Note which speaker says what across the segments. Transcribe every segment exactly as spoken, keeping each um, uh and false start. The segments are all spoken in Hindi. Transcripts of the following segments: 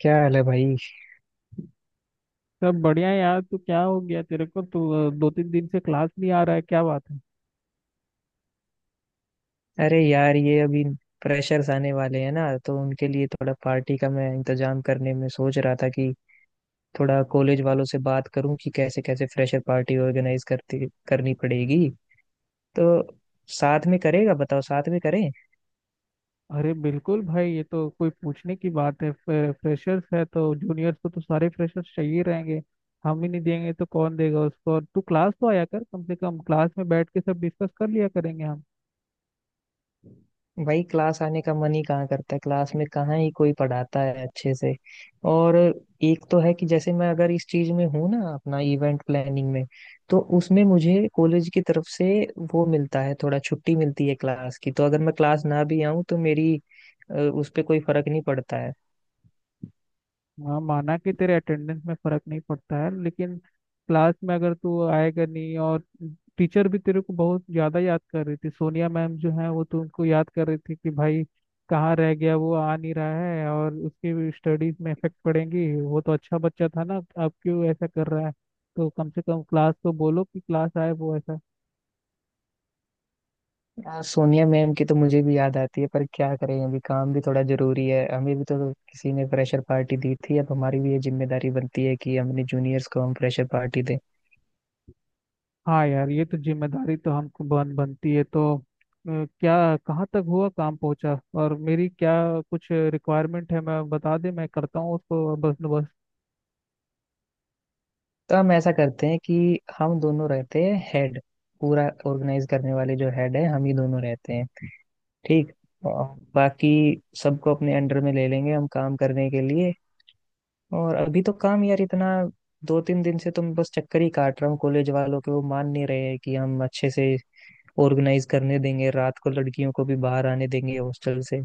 Speaker 1: क्या हाल है भाई।
Speaker 2: सब बढ़िया है यार। तू क्या हो गया तेरे को? तू दो तीन दिन से क्लास नहीं आ रहा है, क्या बात है?
Speaker 1: अरे यार, ये अभी प्रेशर्स आने वाले हैं ना, तो उनके लिए थोड़ा पार्टी का मैं इंतजाम करने में सोच रहा था कि थोड़ा कॉलेज वालों से बात करूं कि कैसे कैसे फ्रेशर पार्टी ऑर्गेनाइज करती करनी पड़ेगी। तो साथ में करेगा बताओ, साथ में करें।
Speaker 2: अरे बिल्कुल भाई, ये तो कोई पूछने की बात है? फ्रे, फ्रेशर्स है तो जूनियर्स को तो सारे फ्रेशर्स चाहिए रहेंगे। हम ही नहीं देंगे तो कौन देगा उसको? और तू क्लास तो आया कर, कम से कम क्लास में बैठ के सब डिस्कस कर लिया करेंगे हम।
Speaker 1: भाई क्लास आने का मन ही कहाँ करता है, क्लास में कहाँ ही कोई पढ़ाता है अच्छे से। और एक तो है कि जैसे मैं अगर इस चीज में हूँ ना, अपना इवेंट प्लानिंग में, तो उसमें मुझे कॉलेज की तरफ से वो मिलता है, थोड़ा छुट्टी मिलती है क्लास की, तो अगर मैं क्लास ना भी आऊँ तो मेरी अ, उस पे कोई फर्क नहीं पड़ता है।
Speaker 2: हाँ, माना कि तेरे अटेंडेंस में फर्क नहीं पड़ता है, लेकिन क्लास में अगर तू आएगा नहीं, और टीचर भी तेरे को बहुत ज्यादा याद कर रही थी। सोनिया मैम जो है वो तुमको याद कर रही थी कि भाई कहाँ रह गया, वो आ नहीं रहा है और उसकी भी स्टडीज में इफेक्ट पड़ेंगी। वो तो अच्छा बच्चा था ना, अब क्यों ऐसा कर रहा है? तो कम से कम क्लास को बोलो कि क्लास आए वो, ऐसा।
Speaker 1: यार सोनिया मैम की तो मुझे भी याद आती है, पर क्या करें, अभी काम भी थोड़ा जरूरी है। हमें भी तो किसी ने फ्रेशर पार्टी दी थी, अब हमारी भी ये जिम्मेदारी बनती है कि हम अपने जूनियर्स को हम फ्रेशर पार्टी दें।
Speaker 2: हाँ यार, ये तो जिम्मेदारी तो हमको बन बनती है। तो अ, क्या कहाँ तक हुआ काम, पहुंचा? और मेरी क्या कुछ रिक्वायरमेंट है मैं बता दे, मैं करता हूँ उसको बस बस
Speaker 1: तो हम ऐसा करते हैं कि हम दोनों रहते हैं हेड, पूरा ऑर्गेनाइज करने वाले जो हेड है हम ही दोनों रहते हैं, ठीक। और बाकी सबको अपने अंडर में ले लेंगे हम काम करने के लिए। और अभी तो काम यार इतना, दो तीन दिन से तुम बस चक्कर ही काट रहा हूँ कॉलेज वालों के, वो मान नहीं रहे हैं कि हम अच्छे से ऑर्गेनाइज करने देंगे, रात को लड़कियों को भी बाहर आने देंगे हॉस्टल से।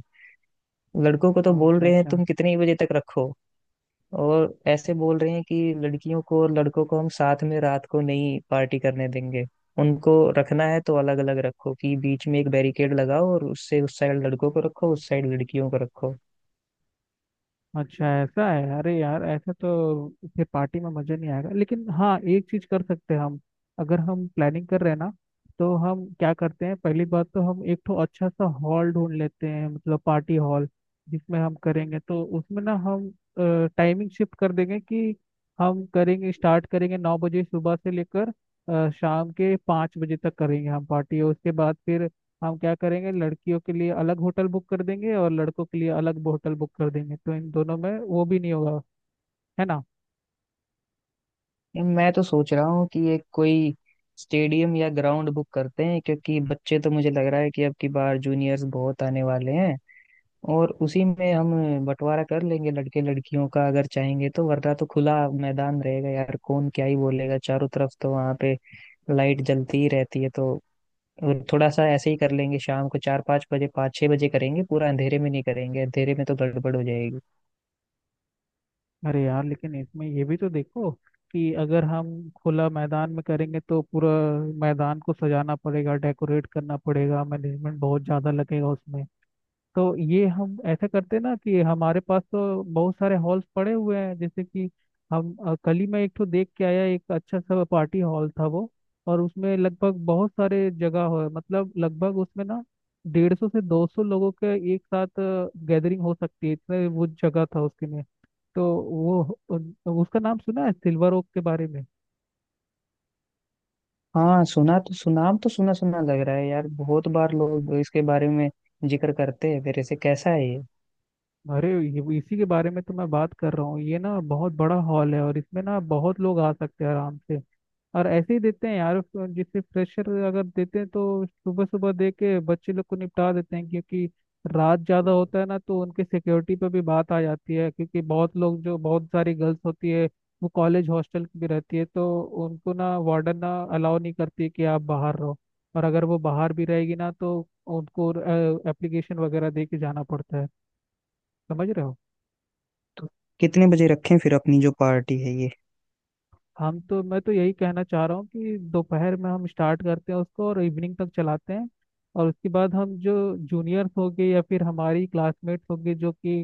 Speaker 1: लड़कों को तो बोल
Speaker 2: अच्छा
Speaker 1: रहे हैं
Speaker 2: अच्छा।
Speaker 1: तुम कितने ही बजे तक रखो, और ऐसे बोल रहे हैं कि लड़कियों को और लड़कों को हम साथ में रात को नहीं पार्टी करने देंगे। उनको रखना है तो अलग अलग रखो, कि बीच में एक बैरिकेड लगाओ और उससे उस साइड लड़कों को रखो, उस साइड लड़कियों को रखो।
Speaker 2: अच्छा ऐसा है? अरे यार, ऐसा तो फिर पार्टी में मजा नहीं आएगा। लेकिन हाँ, एक चीज कर सकते हैं हम। अगर हम प्लानिंग कर रहे हैं ना, तो हम क्या करते हैं, पहली बात तो हम एक तो अच्छा सा हॉल ढूंढ लेते हैं, मतलब पार्टी हॉल जिसमें हम करेंगे। तो उसमें ना हम टाइमिंग शिफ्ट कर देंगे कि हम करेंगे, स्टार्ट करेंगे नौ बजे सुबह से लेकर अ, शाम के पाँच बजे तक करेंगे हम पार्टी। और उसके बाद फिर हम क्या करेंगे, लड़कियों के लिए अलग होटल बुक कर देंगे और लड़कों के लिए अलग होटल बुक कर देंगे, तो इन दोनों में वो भी नहीं होगा, है ना?
Speaker 1: मैं तो सोच रहा हूँ कि एक कोई स्टेडियम या ग्राउंड बुक करते हैं, क्योंकि बच्चे तो मुझे लग रहा है कि अब की बार जूनियर्स बहुत आने वाले हैं। और उसी में हम बंटवारा कर लेंगे लड़के लड़कियों का अगर चाहेंगे तो, वरना तो खुला मैदान रहेगा यार, कौन क्या ही बोलेगा। चारों तरफ तो वहाँ पे लाइट जलती ही रहती है, तो थोड़ा सा ऐसे ही कर लेंगे। शाम को चार पाँच बजे, पाँच छः बजे करेंगे, पूरा अंधेरे में नहीं करेंगे, अंधेरे में तो गड़बड़ हो जाएगी।
Speaker 2: अरे यार, लेकिन इसमें ये भी तो देखो कि अगर हम खुला मैदान में करेंगे तो पूरा मैदान को सजाना पड़ेगा, डेकोरेट करना पड़ेगा, मैनेजमेंट बहुत ज़्यादा लगेगा उसमें। तो ये हम ऐसे करते ना कि हमारे पास तो बहुत सारे हॉल्स पड़े हुए हैं, जैसे कि हम अ, कल ही मैं एक तो देख के आया, एक अच्छा सा पार्टी हॉल था वो। और उसमें लगभग बहुत सारे जगह हो, मतलब लगभग उसमें ना डेढ़ सौ से दो सौ लोगों के एक साथ गैदरिंग हो सकती है, इतने वो जगह था उसके में। तो वो उन- उसका नाम सुना है सिल्वर ओक के बारे में?
Speaker 1: हाँ, सुना तो सुनाम तो सुना सुना लग रहा है यार, बहुत बार लोग इसके बारे में जिक्र करते हैं। फिर ऐसे कैसा है ये?
Speaker 2: अरे ये- इसी के बारे में तो मैं बात कर रहा हूँ। ये ना बहुत बड़ा हॉल है और इसमें ना बहुत लोग आ सकते हैं आराम से। और ऐसे ही देते हैं यार उसको, जिससे प्रेशर अगर देते हैं तो सुबह सुबह दे के बच्चे लोग को निपटा देते हैं। क्योंकि रात ज़्यादा होता है ना तो उनके सिक्योरिटी पे भी बात आ जाती है, क्योंकि बहुत लोग जो बहुत सारी गर्ल्स होती है वो कॉलेज हॉस्टल की भी रहती है। तो उनको ना वार्डन ना अलाउ नहीं करती कि आप बाहर रहो, और अगर वो बाहर भी रहेगी ना तो उनको एप्लीकेशन वगैरह दे के जाना पड़ता है। समझ रहे हो?
Speaker 1: तो कितने बजे रखें फिर अपनी जो पार्टी है ये?
Speaker 2: हम तो मैं तो यही कहना चाह रहा हूँ कि दोपहर में हम स्टार्ट करते हैं उसको और इवनिंग तक चलाते हैं। और उसके बाद हम जो जूनियर्स होंगे या फिर हमारी क्लासमेट्स होंगे जो कि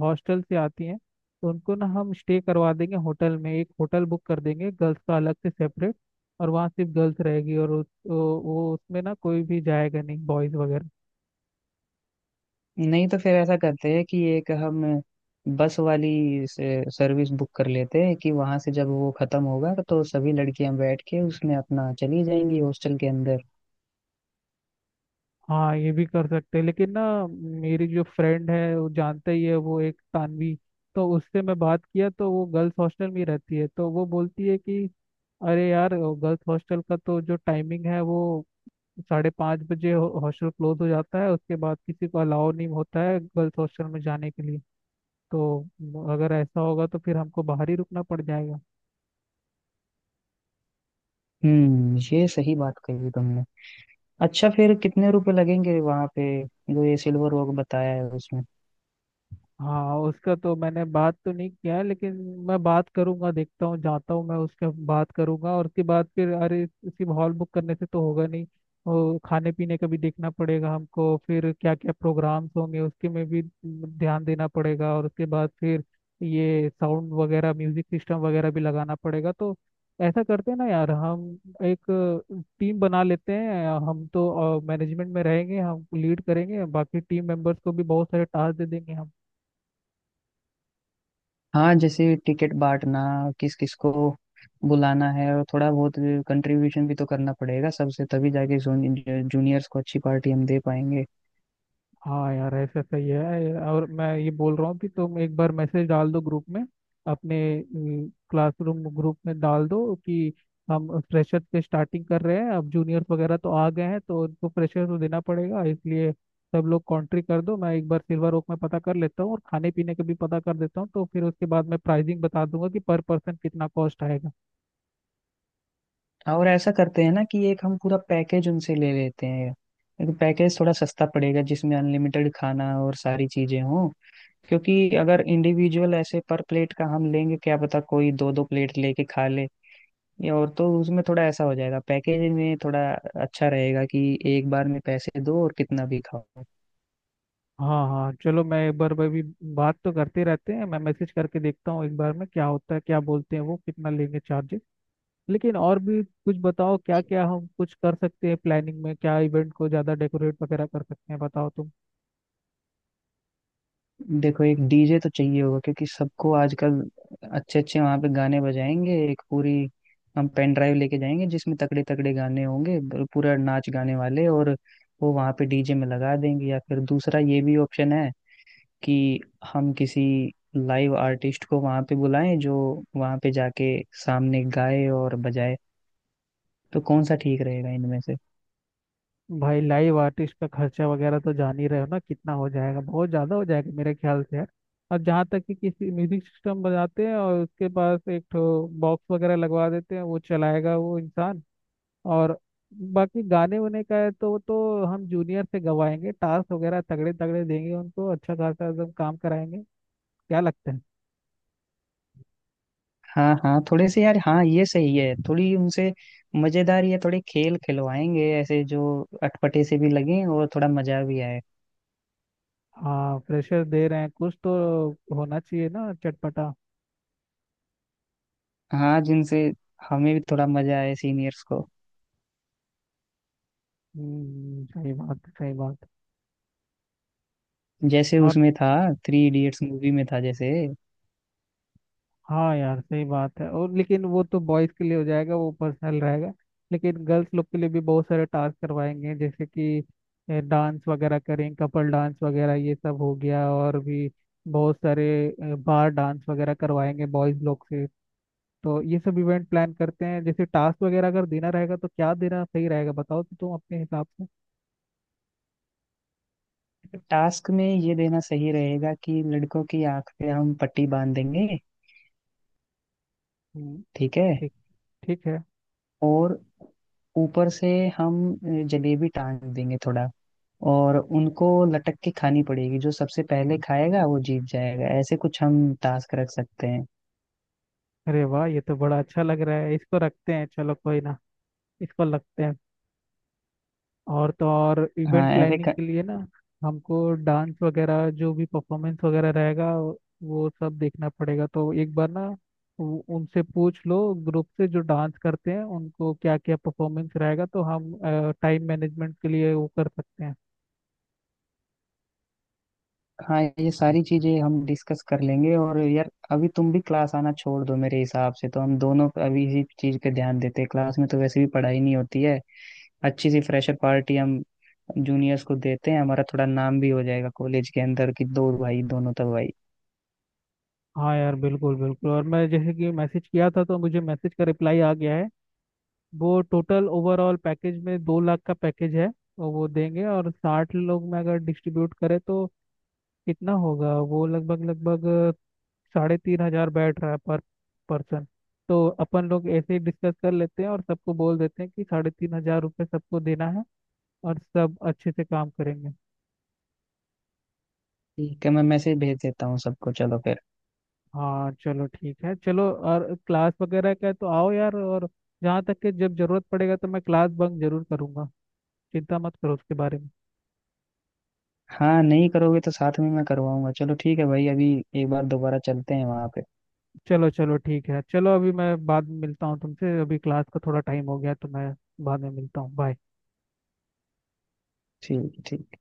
Speaker 2: हॉस्टल से आती हैं, तो उनको ना हम स्टे करवा देंगे होटल में, एक होटल बुक कर देंगे गर्ल्स का अलग से सेपरेट। और वहाँ सिर्फ गर्ल्स रहेगी और उस, वो वो उसमें ना कोई भी जाएगा नहीं, बॉयज़ वगैरह।
Speaker 1: नहीं, तो फिर ऐसा करते हैं कि एक हम बस वाली सर्विस बुक कर लेते हैं, कि वहां से जब वो खत्म होगा तो सभी लड़कियां बैठ के उसमें अपना चली जाएंगी हॉस्टल के अंदर।
Speaker 2: हाँ, ये भी कर सकते हैं, लेकिन ना मेरी जो फ्रेंड है वो जानता ही है वो, एक तानवी। तो उससे मैं बात किया तो वो गर्ल्स हॉस्टल में ही रहती है, तो वो बोलती है कि अरे यार, गर्ल्स हॉस्टल का तो जो टाइमिंग है वो साढ़े पाँच बजे हो- हॉस्टल क्लोज हो जाता है, उसके बाद किसी को अलाउ नहीं होता है गर्ल्स हॉस्टल में जाने के लिए। तो अगर ऐसा होगा तो फिर हमको बाहर ही रुकना पड़ जाएगा।
Speaker 1: हम्म ये सही बात कही तुमने। अच्छा, फिर कितने रुपए लगेंगे वहां पे, जो ये सिल्वर रॉक बताया है उसमें?
Speaker 2: हाँ, उसका तो मैंने बात तो नहीं किया है, लेकिन मैं बात करूंगा, देखता हूँ, जाता हूँ मैं, उसका बात करूंगा। और उसके बाद फिर अरे उसकी हॉल बुक करने से तो होगा नहीं, और खाने पीने का भी देखना पड़ेगा हमको, फिर क्या क्या प्रोग्राम्स होंगे उसके में भी ध्यान देना पड़ेगा, और उसके बाद फिर ये साउंड वगैरह म्यूजिक सिस्टम वगैरह भी लगाना पड़ेगा। तो ऐसा करते हैं ना यार, हम एक टीम बना लेते हैं, हम तो मैनेजमेंट में रहेंगे, हम लीड करेंगे, बाकी टीम मेंबर्स को भी बहुत सारे टास्क दे देंगे।
Speaker 1: हाँ, जैसे टिकट बांटना, किस किस को बुलाना है, और थोड़ा बहुत कंट्रीब्यूशन भी तो करना पड़ेगा सबसे, तभी जाके जूनियर्स को अच्छी पार्टी हम दे पाएंगे।
Speaker 2: हाँ यार, ऐसा सही है। और मैं ये बोल रहा हूँ कि तुम एक बार मैसेज डाल दो ग्रुप में, अपने क्लासरूम ग्रुप में डाल दो कि हम फ्रेशर से स्टार्टिंग कर रहे हैं, अब जूनियर्स वगैरह तो आ गए हैं तो उनको फ्रेशर तो देना पड़ेगा, इसलिए सब लोग कॉन्ट्री कर दो। मैं एक बार सिल्वर ओक में पता कर लेता हूँ और खाने पीने का भी पता कर देता हूँ, तो फिर उसके बाद मैं प्राइसिंग बता दूंगा कि पर पर्सन कितना कॉस्ट आएगा।
Speaker 1: हाँ, और ऐसा करते हैं ना कि एक हम पूरा पैकेज उनसे ले लेते हैं। एक पैकेज थोड़ा सस्ता पड़ेगा जिसमें अनलिमिटेड खाना और सारी चीजें हों। क्योंकि अगर इंडिविजुअल ऐसे पर प्लेट का हम लेंगे, क्या पता कोई दो दो प्लेट लेके खा ले या और, तो उसमें थोड़ा ऐसा हो जाएगा। पैकेज में थोड़ा अच्छा रहेगा कि एक बार में पैसे दो और कितना भी खाओ।
Speaker 2: हाँ हाँ, चलो मैं एक बार भाई भी बात तो करते रहते हैं, मैं मैसेज करके देखता हूँ एक बार में क्या होता है, क्या बोलते हैं वो, कितना लेंगे चार्जेस। लेकिन और भी कुछ बताओ, क्या क्या हम कुछ कर सकते हैं प्लानिंग में, क्या इवेंट को ज़्यादा डेकोरेट वगैरह कर सकते हैं, बताओ तुम।
Speaker 1: देखो एक डीजे तो चाहिए होगा, क्योंकि सबको आजकल अच्छे अच्छे वहां पे गाने बजाएंगे। एक पूरी हम पेन ड्राइव लेके जाएंगे जिसमें तगड़े तगड़े गाने होंगे, ब- पूरा नाच गाने वाले, और वो वहां पे डीजे में लगा देंगे। या फिर दूसरा ये भी ऑप्शन है कि हम किसी लाइव आर्टिस्ट को वहां पे बुलाएं, जो वहां पे जाके सामने गाए और बजाए। तो कौन सा ठीक रहेगा इनमें से?
Speaker 2: भाई लाइव आर्टिस्ट का खर्चा वगैरह तो जान ही रहे हो ना कितना हो जाएगा, बहुत ज़्यादा हो जाएगा मेरे ख्याल से यार। और जहाँ तक कि किसी म्यूजिक सिस्टम बजाते हैं और उसके पास एक ठो बॉक्स वगैरह लगवा देते हैं, वो चलाएगा वो इंसान। और बाकी गाने वाने का है तो वो तो हम जूनियर से गवाएंगे, टास्क वगैरह तगड़े तगड़े देंगे उनको, अच्छा खासा एकदम काम कराएंगे। क्या लगता है?
Speaker 1: हाँ हाँ, थोड़े से यार, हाँ ये सही है। थोड़ी उनसे मजेदार या थोड़े खेल खिलवाएंगे ऐसे, जो अटपटे से भी लगे और थोड़ा मजा भी आए।
Speaker 2: हाँ, प्रेशर दे रहे हैं कुछ तो होना चाहिए ना चटपटा।
Speaker 1: हाँ, जिनसे हमें भी थोड़ा मजा आए सीनियर्स को।
Speaker 2: हम्म, सही बात है, सही बात है।
Speaker 1: जैसे
Speaker 2: और
Speaker 1: उसमें था, थ्री इडियट्स मूवी में था जैसे।
Speaker 2: हाँ यार, सही बात है। और लेकिन वो तो बॉयज के लिए हो जाएगा, वो पर्सनल रहेगा। लेकिन गर्ल्स लोग के लिए भी बहुत सारे टास्क करवाएंगे, जैसे कि डांस वगैरह करें, कपल डांस वगैरह ये सब हो गया, और भी बहुत सारे बार डांस वगैरह करवाएंगे बॉयज लोग से। तो ये सब इवेंट प्लान करते हैं, जैसे टास्क वगैरह अगर देना रहेगा तो क्या देना सही रहेगा, बताओ तो तुम अपने हिसाब से।
Speaker 1: टास्क में ये देना सही रहेगा कि लड़कों की आंख पे हम पट्टी बांध देंगे,
Speaker 2: हम्म,
Speaker 1: ठीक है?
Speaker 2: ठीक, ठीक है।
Speaker 1: और ऊपर से हम जलेबी टांग देंगे थोड़ा, और उनको लटक के खानी पड़ेगी, जो सबसे पहले खाएगा वो जीत जाएगा, ऐसे कुछ हम टास्क रख सकते हैं।
Speaker 2: अरे वाह, ये तो बड़ा अच्छा लग रहा है, इसको रखते हैं, चलो कोई ना, इसको लगते हैं। और तो और,
Speaker 1: हाँ
Speaker 2: इवेंट
Speaker 1: ऐसे
Speaker 2: प्लानिंग
Speaker 1: क...
Speaker 2: के लिए ना हमको डांस वगैरह जो भी परफॉर्मेंस वगैरह रहेगा वो सब देखना पड़ेगा, तो एक बार ना उ- उनसे पूछ लो, ग्रुप से जो डांस करते हैं उनको क्या क्या परफॉर्मेंस रहेगा, तो हम टाइम मैनेजमेंट के लिए वो कर सकते हैं।
Speaker 1: हाँ ये सारी चीजें हम डिस्कस कर लेंगे। और यार अभी तुम भी क्लास आना छोड़ दो, मेरे हिसाब से तो हम दोनों अभी इसी चीज पे ध्यान देते हैं, क्लास में तो वैसे भी पढ़ाई नहीं होती है। अच्छी सी फ्रेशर पार्टी हम जूनियर्स को देते हैं, हमारा थोड़ा नाम भी हो जाएगा कॉलेज के अंदर कि दो भाई दोनों तो भाई।
Speaker 2: हाँ यार बिल्कुल बिल्कुल। और मैं जैसे कि मैसेज किया था तो मुझे मैसेज का रिप्लाई आ गया है, वो टोटल ओवरऑल पैकेज में दो लाख का पैकेज है और वो देंगे। और साठ लोग में अगर डिस्ट्रीब्यूट करें तो कितना होगा वो, लगभग लगभग साढ़े तीन हजार बैठ रहा है पर पर्सन। तो अपन लोग ऐसे ही डिस्कस कर लेते हैं और सबको बोल देते हैं कि साढ़े तीन हजार रुपये सबको देना है और सब अच्छे से काम करेंगे।
Speaker 1: ठीक है, मैं मैसेज भेज देता हूँ सबको, चलो फिर।
Speaker 2: हाँ, चलो ठीक है, चलो। और क्लास वगैरह का है तो आओ यार, और जहाँ तक कि जब जरूरत पड़ेगा तो मैं क्लास बंक जरूर करूँगा, चिंता मत करो उसके बारे में।
Speaker 1: हाँ नहीं करोगे तो साथ में मैं करवाऊंगा। चलो ठीक है भाई, अभी एक बार दोबारा चलते हैं वहां पे।
Speaker 2: चलो चलो ठीक है, चलो अभी मैं बाद में मिलता हूँ तुमसे, अभी क्लास का थोड़ा टाइम हो गया तो मैं बाद में मिलता हूँ, बाय।
Speaker 1: ठीक, ठीक।